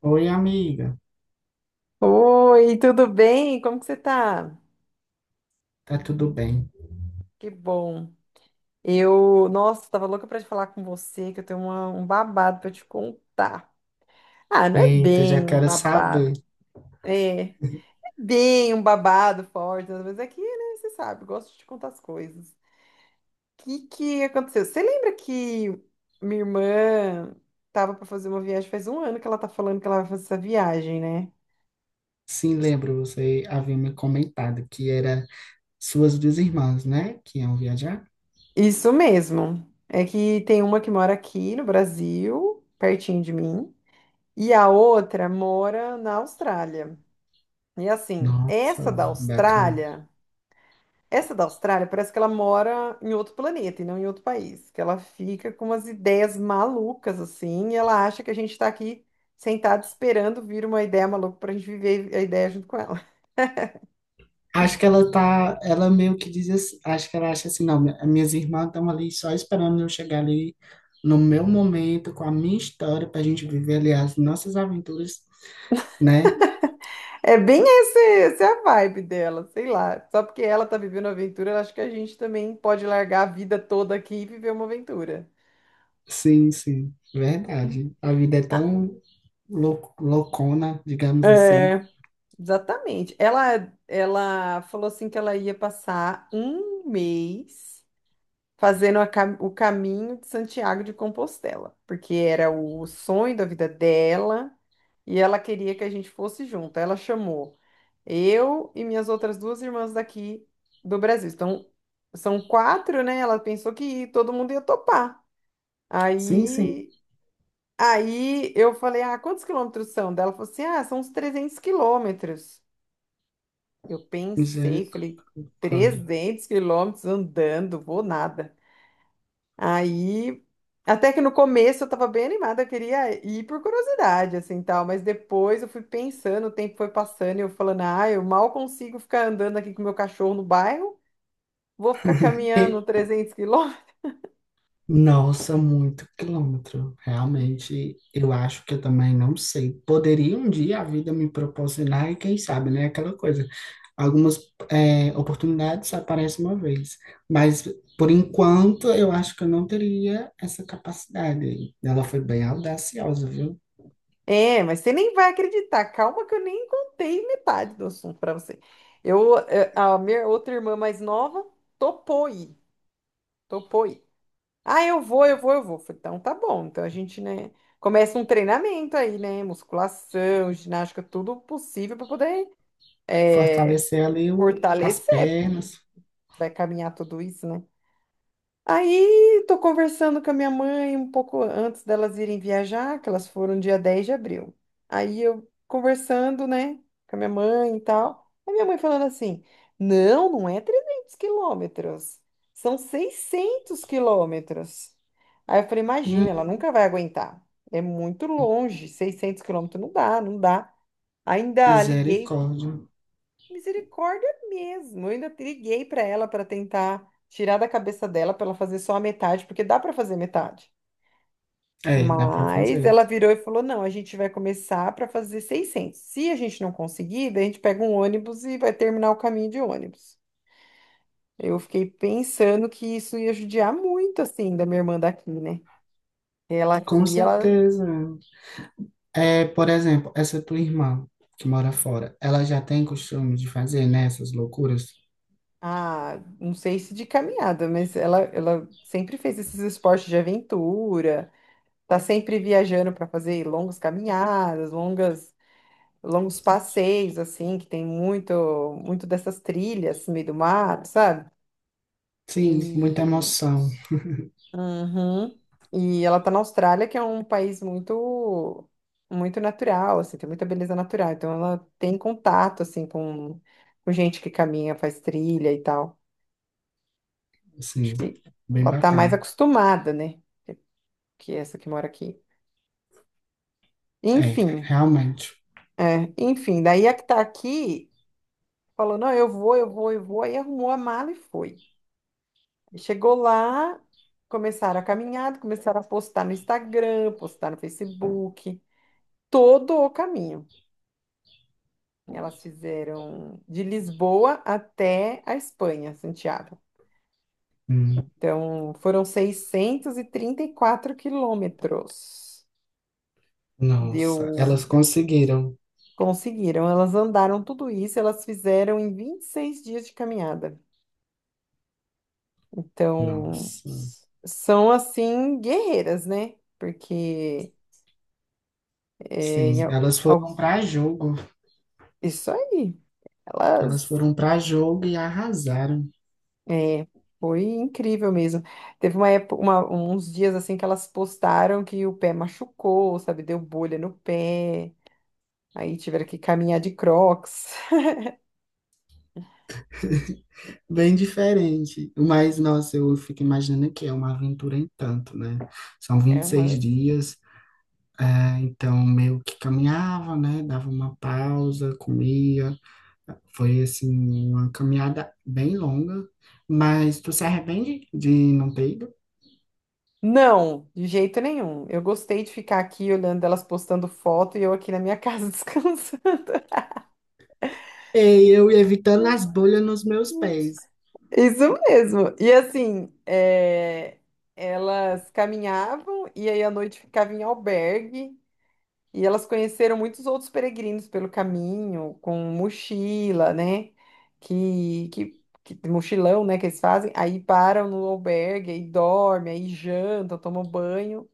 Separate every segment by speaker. Speaker 1: Oi, amiga.
Speaker 2: Oi, tudo bem? Como que você tá?
Speaker 1: Tá tudo bem?
Speaker 2: Que bom. Eu, nossa, tava louca pra te falar com você, que eu tenho um babado pra te contar. Ah, não é
Speaker 1: Eita, já
Speaker 2: bem um
Speaker 1: quero
Speaker 2: babado.
Speaker 1: saber.
Speaker 2: É bem um babado forte, mas aqui, que, né, você sabe, eu gosto de te contar as coisas. O que que aconteceu? Você lembra que minha irmã tava pra fazer uma viagem, faz um ano que ela tá falando que ela vai fazer essa viagem, né?
Speaker 1: Sim, lembro, você havia me comentado que era suas duas irmãs, né? Que iam viajar.
Speaker 2: Isso mesmo. É que tem uma que mora aqui no Brasil, pertinho de mim. E a outra mora na Austrália. E assim,
Speaker 1: Nossa,
Speaker 2: essa da
Speaker 1: bacana.
Speaker 2: Austrália, essa da Austrália parece que ela mora em outro planeta e não em outro país, que ela fica com umas ideias malucas assim, e ela acha que a gente está aqui sentado esperando vir uma ideia maluca para a gente viver a ideia junto com ela.
Speaker 1: Acho que ela tá, ela meio que diz assim, acho que ela acha assim, não, minhas irmãs estão ali só esperando eu chegar ali no meu momento, com a minha história, pra gente viver ali as nossas aventuras, né?
Speaker 2: É bem esse, essa é a vibe dela, sei lá. Só porque ela tá vivendo uma aventura, ela acha que a gente também pode largar a vida toda aqui e viver uma aventura.
Speaker 1: Sim, sim, verdade. A vida é tão loucona, digamos assim.
Speaker 2: É. Exatamente. Ela falou assim que ela ia passar um mês fazendo o caminho de Santiago de Compostela, porque era o sonho da vida dela e ela queria que a gente fosse junto. Ela chamou eu e minhas outras duas irmãs daqui do Brasil. Então, são quatro, né? Ela pensou que todo mundo ia topar.
Speaker 1: Sim, sim,
Speaker 2: Aí, aí, eu falei, ah, quantos quilômetros são? Dela falou assim, ah, são uns 300 quilômetros. Eu pensei, falei,
Speaker 1: misericórdia.
Speaker 2: 300 quilômetros andando, vou nada. Aí, até que no começo eu tava bem animada, eu queria ir por curiosidade, assim, tal, mas depois eu fui pensando, o tempo foi passando e eu falando, ah, eu mal consigo ficar andando aqui com meu cachorro no bairro, vou ficar caminhando
Speaker 1: E-
Speaker 2: 300 quilômetros.
Speaker 1: Nossa, muito quilômetro. Realmente, eu acho que eu também não sei. Poderia um dia a vida me proporcionar, e quem sabe, né? Aquela coisa. Algumas oportunidades aparecem uma vez, mas por enquanto eu acho que eu não teria essa capacidade. Ela foi bem audaciosa, viu?
Speaker 2: É, mas você nem vai acreditar, calma que eu nem contei metade do assunto pra você. Eu, a minha outra irmã mais nova topou ir, topou ir. Ah, eu vou, eu vou, eu vou. Falei, então tá bom. Então a gente, né, começa um treinamento aí, né? Musculação, ginástica, tudo possível para poder é,
Speaker 1: Fortalecer ali o, as
Speaker 2: fortalecer. Porque
Speaker 1: pernas.
Speaker 2: vai caminhar tudo isso, né? Aí, tô conversando com a minha mãe um pouco antes delas irem viajar, que elas foram dia 10 de abril. Aí eu conversando, né, com a minha mãe e tal. Aí minha mãe falando assim: não, não é 300 quilômetros, são 600 quilômetros. Aí eu falei: imagina, ela
Speaker 1: Hum,
Speaker 2: nunca vai aguentar. É muito longe, 600 quilômetros não dá, não dá. Ainda liguei.
Speaker 1: misericórdia.
Speaker 2: Misericórdia mesmo. Eu ainda liguei para ela para tentar tirar da cabeça dela para ela fazer só a metade, porque dá para fazer metade.
Speaker 1: É, dá para
Speaker 2: Mas
Speaker 1: fazer.
Speaker 2: ela virou e falou: "Não, a gente vai começar para fazer 600. Se a gente não conseguir, daí a gente pega um ônibus e vai terminar o caminho de ônibus." Eu fiquei pensando que isso ia judiar muito assim da minha irmã daqui, né? Ela
Speaker 1: Com
Speaker 2: aqui, ela
Speaker 1: certeza. É, por exemplo, essa tua irmã que mora fora, ela já tem costume de fazer, né, essas loucuras?
Speaker 2: ah, não sei se de caminhada, mas ela sempre fez esses esportes de aventura. Tá sempre viajando para fazer longas caminhadas, longas, longos passeios, assim, que tem muito, muito dessas trilhas no meio do mato, sabe?
Speaker 1: Sim, muita
Speaker 2: E,
Speaker 1: emoção.
Speaker 2: uhum. E ela tá na Austrália, que é um país muito, muito natural, assim, tem muita beleza natural. Então ela tem contato, assim, com gente que caminha, faz trilha e tal. Acho
Speaker 1: Assim,
Speaker 2: que
Speaker 1: bem
Speaker 2: ela tá mais
Speaker 1: bacana.
Speaker 2: acostumada, né? Que essa que mora aqui.
Speaker 1: É,
Speaker 2: Enfim,
Speaker 1: realmente.
Speaker 2: enfim, daí a que tá aqui, falou, não, eu vou, eu vou, eu vou. Aí arrumou a mala e foi. E chegou lá, começaram a caminhada, começaram a postar no Instagram, postar no Facebook, todo o caminho. Elas fizeram de Lisboa até a Espanha, Santiago.
Speaker 1: Hum,
Speaker 2: Então, foram seiscentos e trinta e quatro quilômetros.
Speaker 1: nossa, elas
Speaker 2: Deu,
Speaker 1: conseguiram.
Speaker 2: conseguiram. Elas andaram tudo isso, elas fizeram em 26 dias de caminhada. Então,
Speaker 1: Nossa.
Speaker 2: são assim guerreiras, né? Porque é, em
Speaker 1: Sim, elas foram para jogo.
Speaker 2: isso aí,
Speaker 1: Elas
Speaker 2: elas
Speaker 1: foram para jogo e arrasaram.
Speaker 2: é, foi incrível mesmo. Teve uma época, uns dias assim que elas postaram que o pé machucou, sabe? Deu bolha no pé, aí tiveram que caminhar de Crocs.
Speaker 1: Bem diferente. Mas, nossa, eu fico imaginando que é uma aventura em tanto, né? São vinte
Speaker 2: É
Speaker 1: e
Speaker 2: uma...
Speaker 1: seis dias, então meio que caminhava, né? Dava uma pausa, comia. Foi, assim, uma caminhada bem longa. Mas tu se arrepende de não ter ido?
Speaker 2: Não, de jeito nenhum. Eu gostei de ficar aqui olhando elas postando foto e eu aqui na minha casa descansando.
Speaker 1: E eu ia evitando as bolhas nos meus pés.
Speaker 2: Isso mesmo. E assim, é, elas caminhavam e aí à noite ficavam em albergue e elas conheceram muitos outros peregrinos pelo caminho, com mochila, né? Mochilão, né? Que eles fazem. Aí param no albergue, aí dormem, aí jantam, tomam banho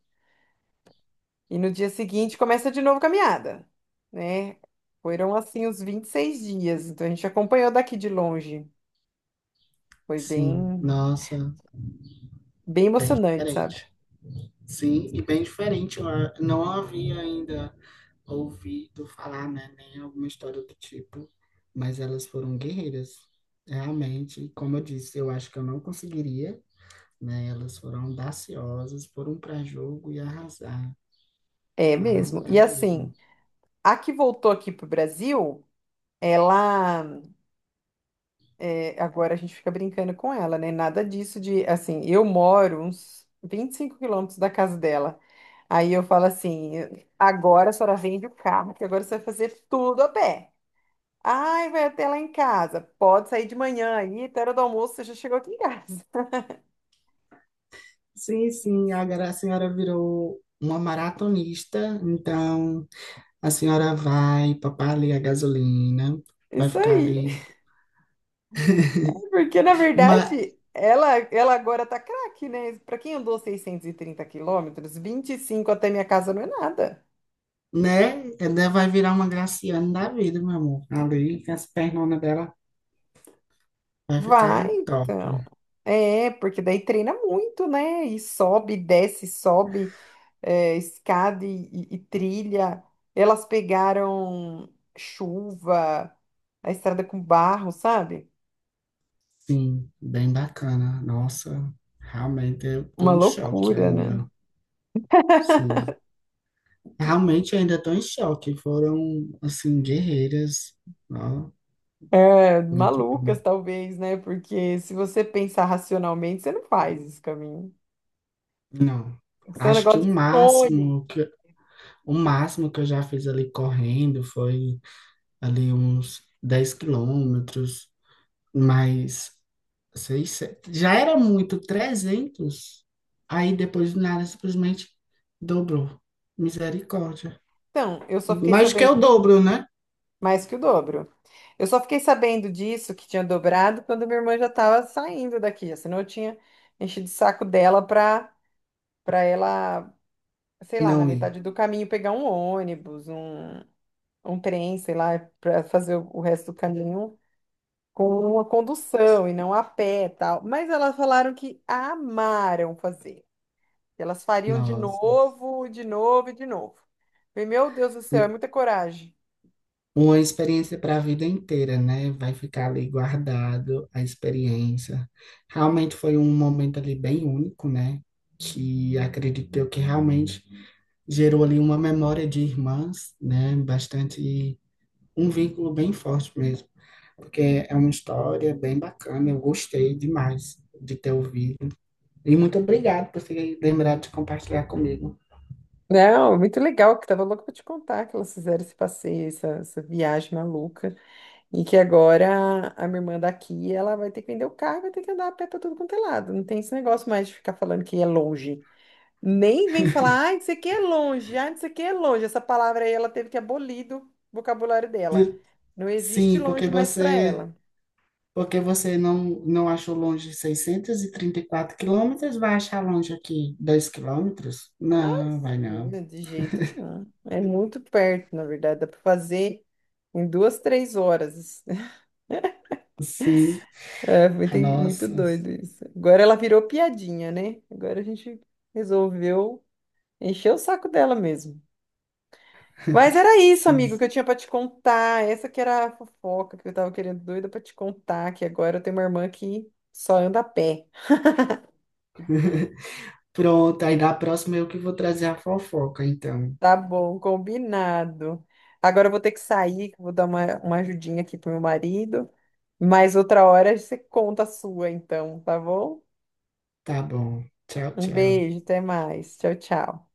Speaker 2: e no dia seguinte começa de novo a caminhada, né? Foram assim os 26 dias. Então a gente acompanhou daqui de longe. Foi
Speaker 1: Sim,
Speaker 2: bem,
Speaker 1: nossa,
Speaker 2: bem emocionante, sabe?
Speaker 1: diferente. Sim, e bem diferente. Eu não havia ainda ouvido falar, né, nem alguma história do tipo, mas elas foram guerreiras, realmente. Como eu disse, eu acho que eu não conseguiria, né? Elas foram audaciosas, foram para jogo e arrasaram,
Speaker 2: É mesmo. E
Speaker 1: arrasaram mesmo.
Speaker 2: assim, a que voltou aqui pro Brasil, ela. É, agora a gente fica brincando com ela, né? Nada disso de. Assim, eu moro uns 25 quilômetros da casa dela. Aí eu falo assim: agora a senhora vende o carro, que agora você vai fazer tudo a pé. Ai, vai até lá em casa. Pode sair de manhã aí, até a hora do almoço, você já chegou aqui em casa.
Speaker 1: Sim, sim, agora a senhora virou uma maratonista, então a senhora vai papar ali a gasolina, vai
Speaker 2: Isso
Speaker 1: ficar
Speaker 2: aí.
Speaker 1: ali.
Speaker 2: Porque, na
Speaker 1: Uma
Speaker 2: verdade, ela agora tá craque, né? Pra quem andou 630 quilômetros, 25 até minha casa não é nada.
Speaker 1: Né? Ela vai virar uma Graciane da vida, meu amor. Ali, com as pernonas dela, vai
Speaker 2: Vai,
Speaker 1: ficar top.
Speaker 2: então. É, porque daí treina muito, né? E sobe, desce, sobe, é, escada e trilha. Elas pegaram chuva, a estrada com barro, sabe?
Speaker 1: Sim, bem bacana. Nossa, realmente eu
Speaker 2: Uma
Speaker 1: tô em choque
Speaker 2: loucura, né?
Speaker 1: ainda. Sim, realmente eu ainda tô em choque. Foram, assim, guerreiras. Ó,
Speaker 2: É,
Speaker 1: muito bom.
Speaker 2: malucas, talvez, né? Porque se você pensar racionalmente, você não faz esse caminho.
Speaker 1: Não,
Speaker 2: Isso é um
Speaker 1: acho que o
Speaker 2: negócio de sonho.
Speaker 1: máximo que, o máximo que eu já fiz ali correndo foi ali uns 10 quilômetros, mas seis, sete já era muito. Trezentos Aí depois do nada simplesmente dobrou. Misericórdia.
Speaker 2: Então, eu só fiquei
Speaker 1: Mais que é
Speaker 2: sabendo
Speaker 1: o
Speaker 2: disso
Speaker 1: dobro, né?
Speaker 2: mais que o dobro. Eu só fiquei sabendo disso, que tinha dobrado, quando minha irmã já estava saindo daqui. Senão eu tinha enchido o saco dela para ela, sei lá, na
Speaker 1: Não ir.
Speaker 2: metade do caminho pegar um ônibus, um trem, sei lá, para fazer o resto do caminho com uma condução e não a pé, tal. Mas elas falaram que amaram fazer. Que elas fariam
Speaker 1: Nossa.
Speaker 2: de novo e de novo. Falei, meu Deus do céu,
Speaker 1: E
Speaker 2: é muita coragem.
Speaker 1: uma experiência para a vida inteira, né? Vai ficar ali guardado a experiência. Realmente foi um momento ali bem único, né? Que acredito eu que realmente gerou ali uma memória de irmãs, né? Bastante, um vínculo bem forte mesmo, porque é uma história bem bacana, eu gostei demais de ter ouvido. E muito obrigado por ter lembrado de compartilhar comigo.
Speaker 2: Não, muito legal, que tava louca pra te contar que elas fizeram esse passeio, essa viagem maluca, e que agora a minha irmã daqui, ela vai ter que vender o carro, e vai ter que andar a pé pra tudo quanto é lado. Não tem esse negócio mais de ficar falando que é longe. Nem vem falar, ai, isso aqui é longe, ai, isso aqui é longe. Essa palavra aí ela teve que abolir do vocabulário dela. Não existe
Speaker 1: Sim, porque
Speaker 2: longe mais pra
Speaker 1: você,
Speaker 2: ela.
Speaker 1: porque você não, não achou longe seiscentos e trinta e quatro quilômetros, vai achar longe aqui 2 quilômetros?
Speaker 2: Ah,
Speaker 1: Não, vai não.
Speaker 2: sim, de jeito nenhum. É muito perto, na verdade, dá pra fazer em duas, três horas.
Speaker 1: Sim,
Speaker 2: É,
Speaker 1: a
Speaker 2: muito, muito
Speaker 1: nossa,
Speaker 2: doido isso. Agora ela virou piadinha, né? Agora a gente resolveu encher o saco dela mesmo. Mas era isso, amigo,
Speaker 1: sim.
Speaker 2: que eu tinha pra te contar. Essa que era a fofoca que eu tava querendo doida pra te contar, que agora eu tenho uma irmã que só anda a pé.
Speaker 1: Pronto, aí da próxima eu que vou trazer a fofoca, então.
Speaker 2: Tá bom, combinado. Agora eu vou ter que sair, que eu vou dar uma ajudinha aqui pro meu marido. Mas outra hora você conta a sua, então, tá bom?
Speaker 1: Tá bom. Tchau,
Speaker 2: Um
Speaker 1: tchau.
Speaker 2: beijo, até mais. Tchau, tchau.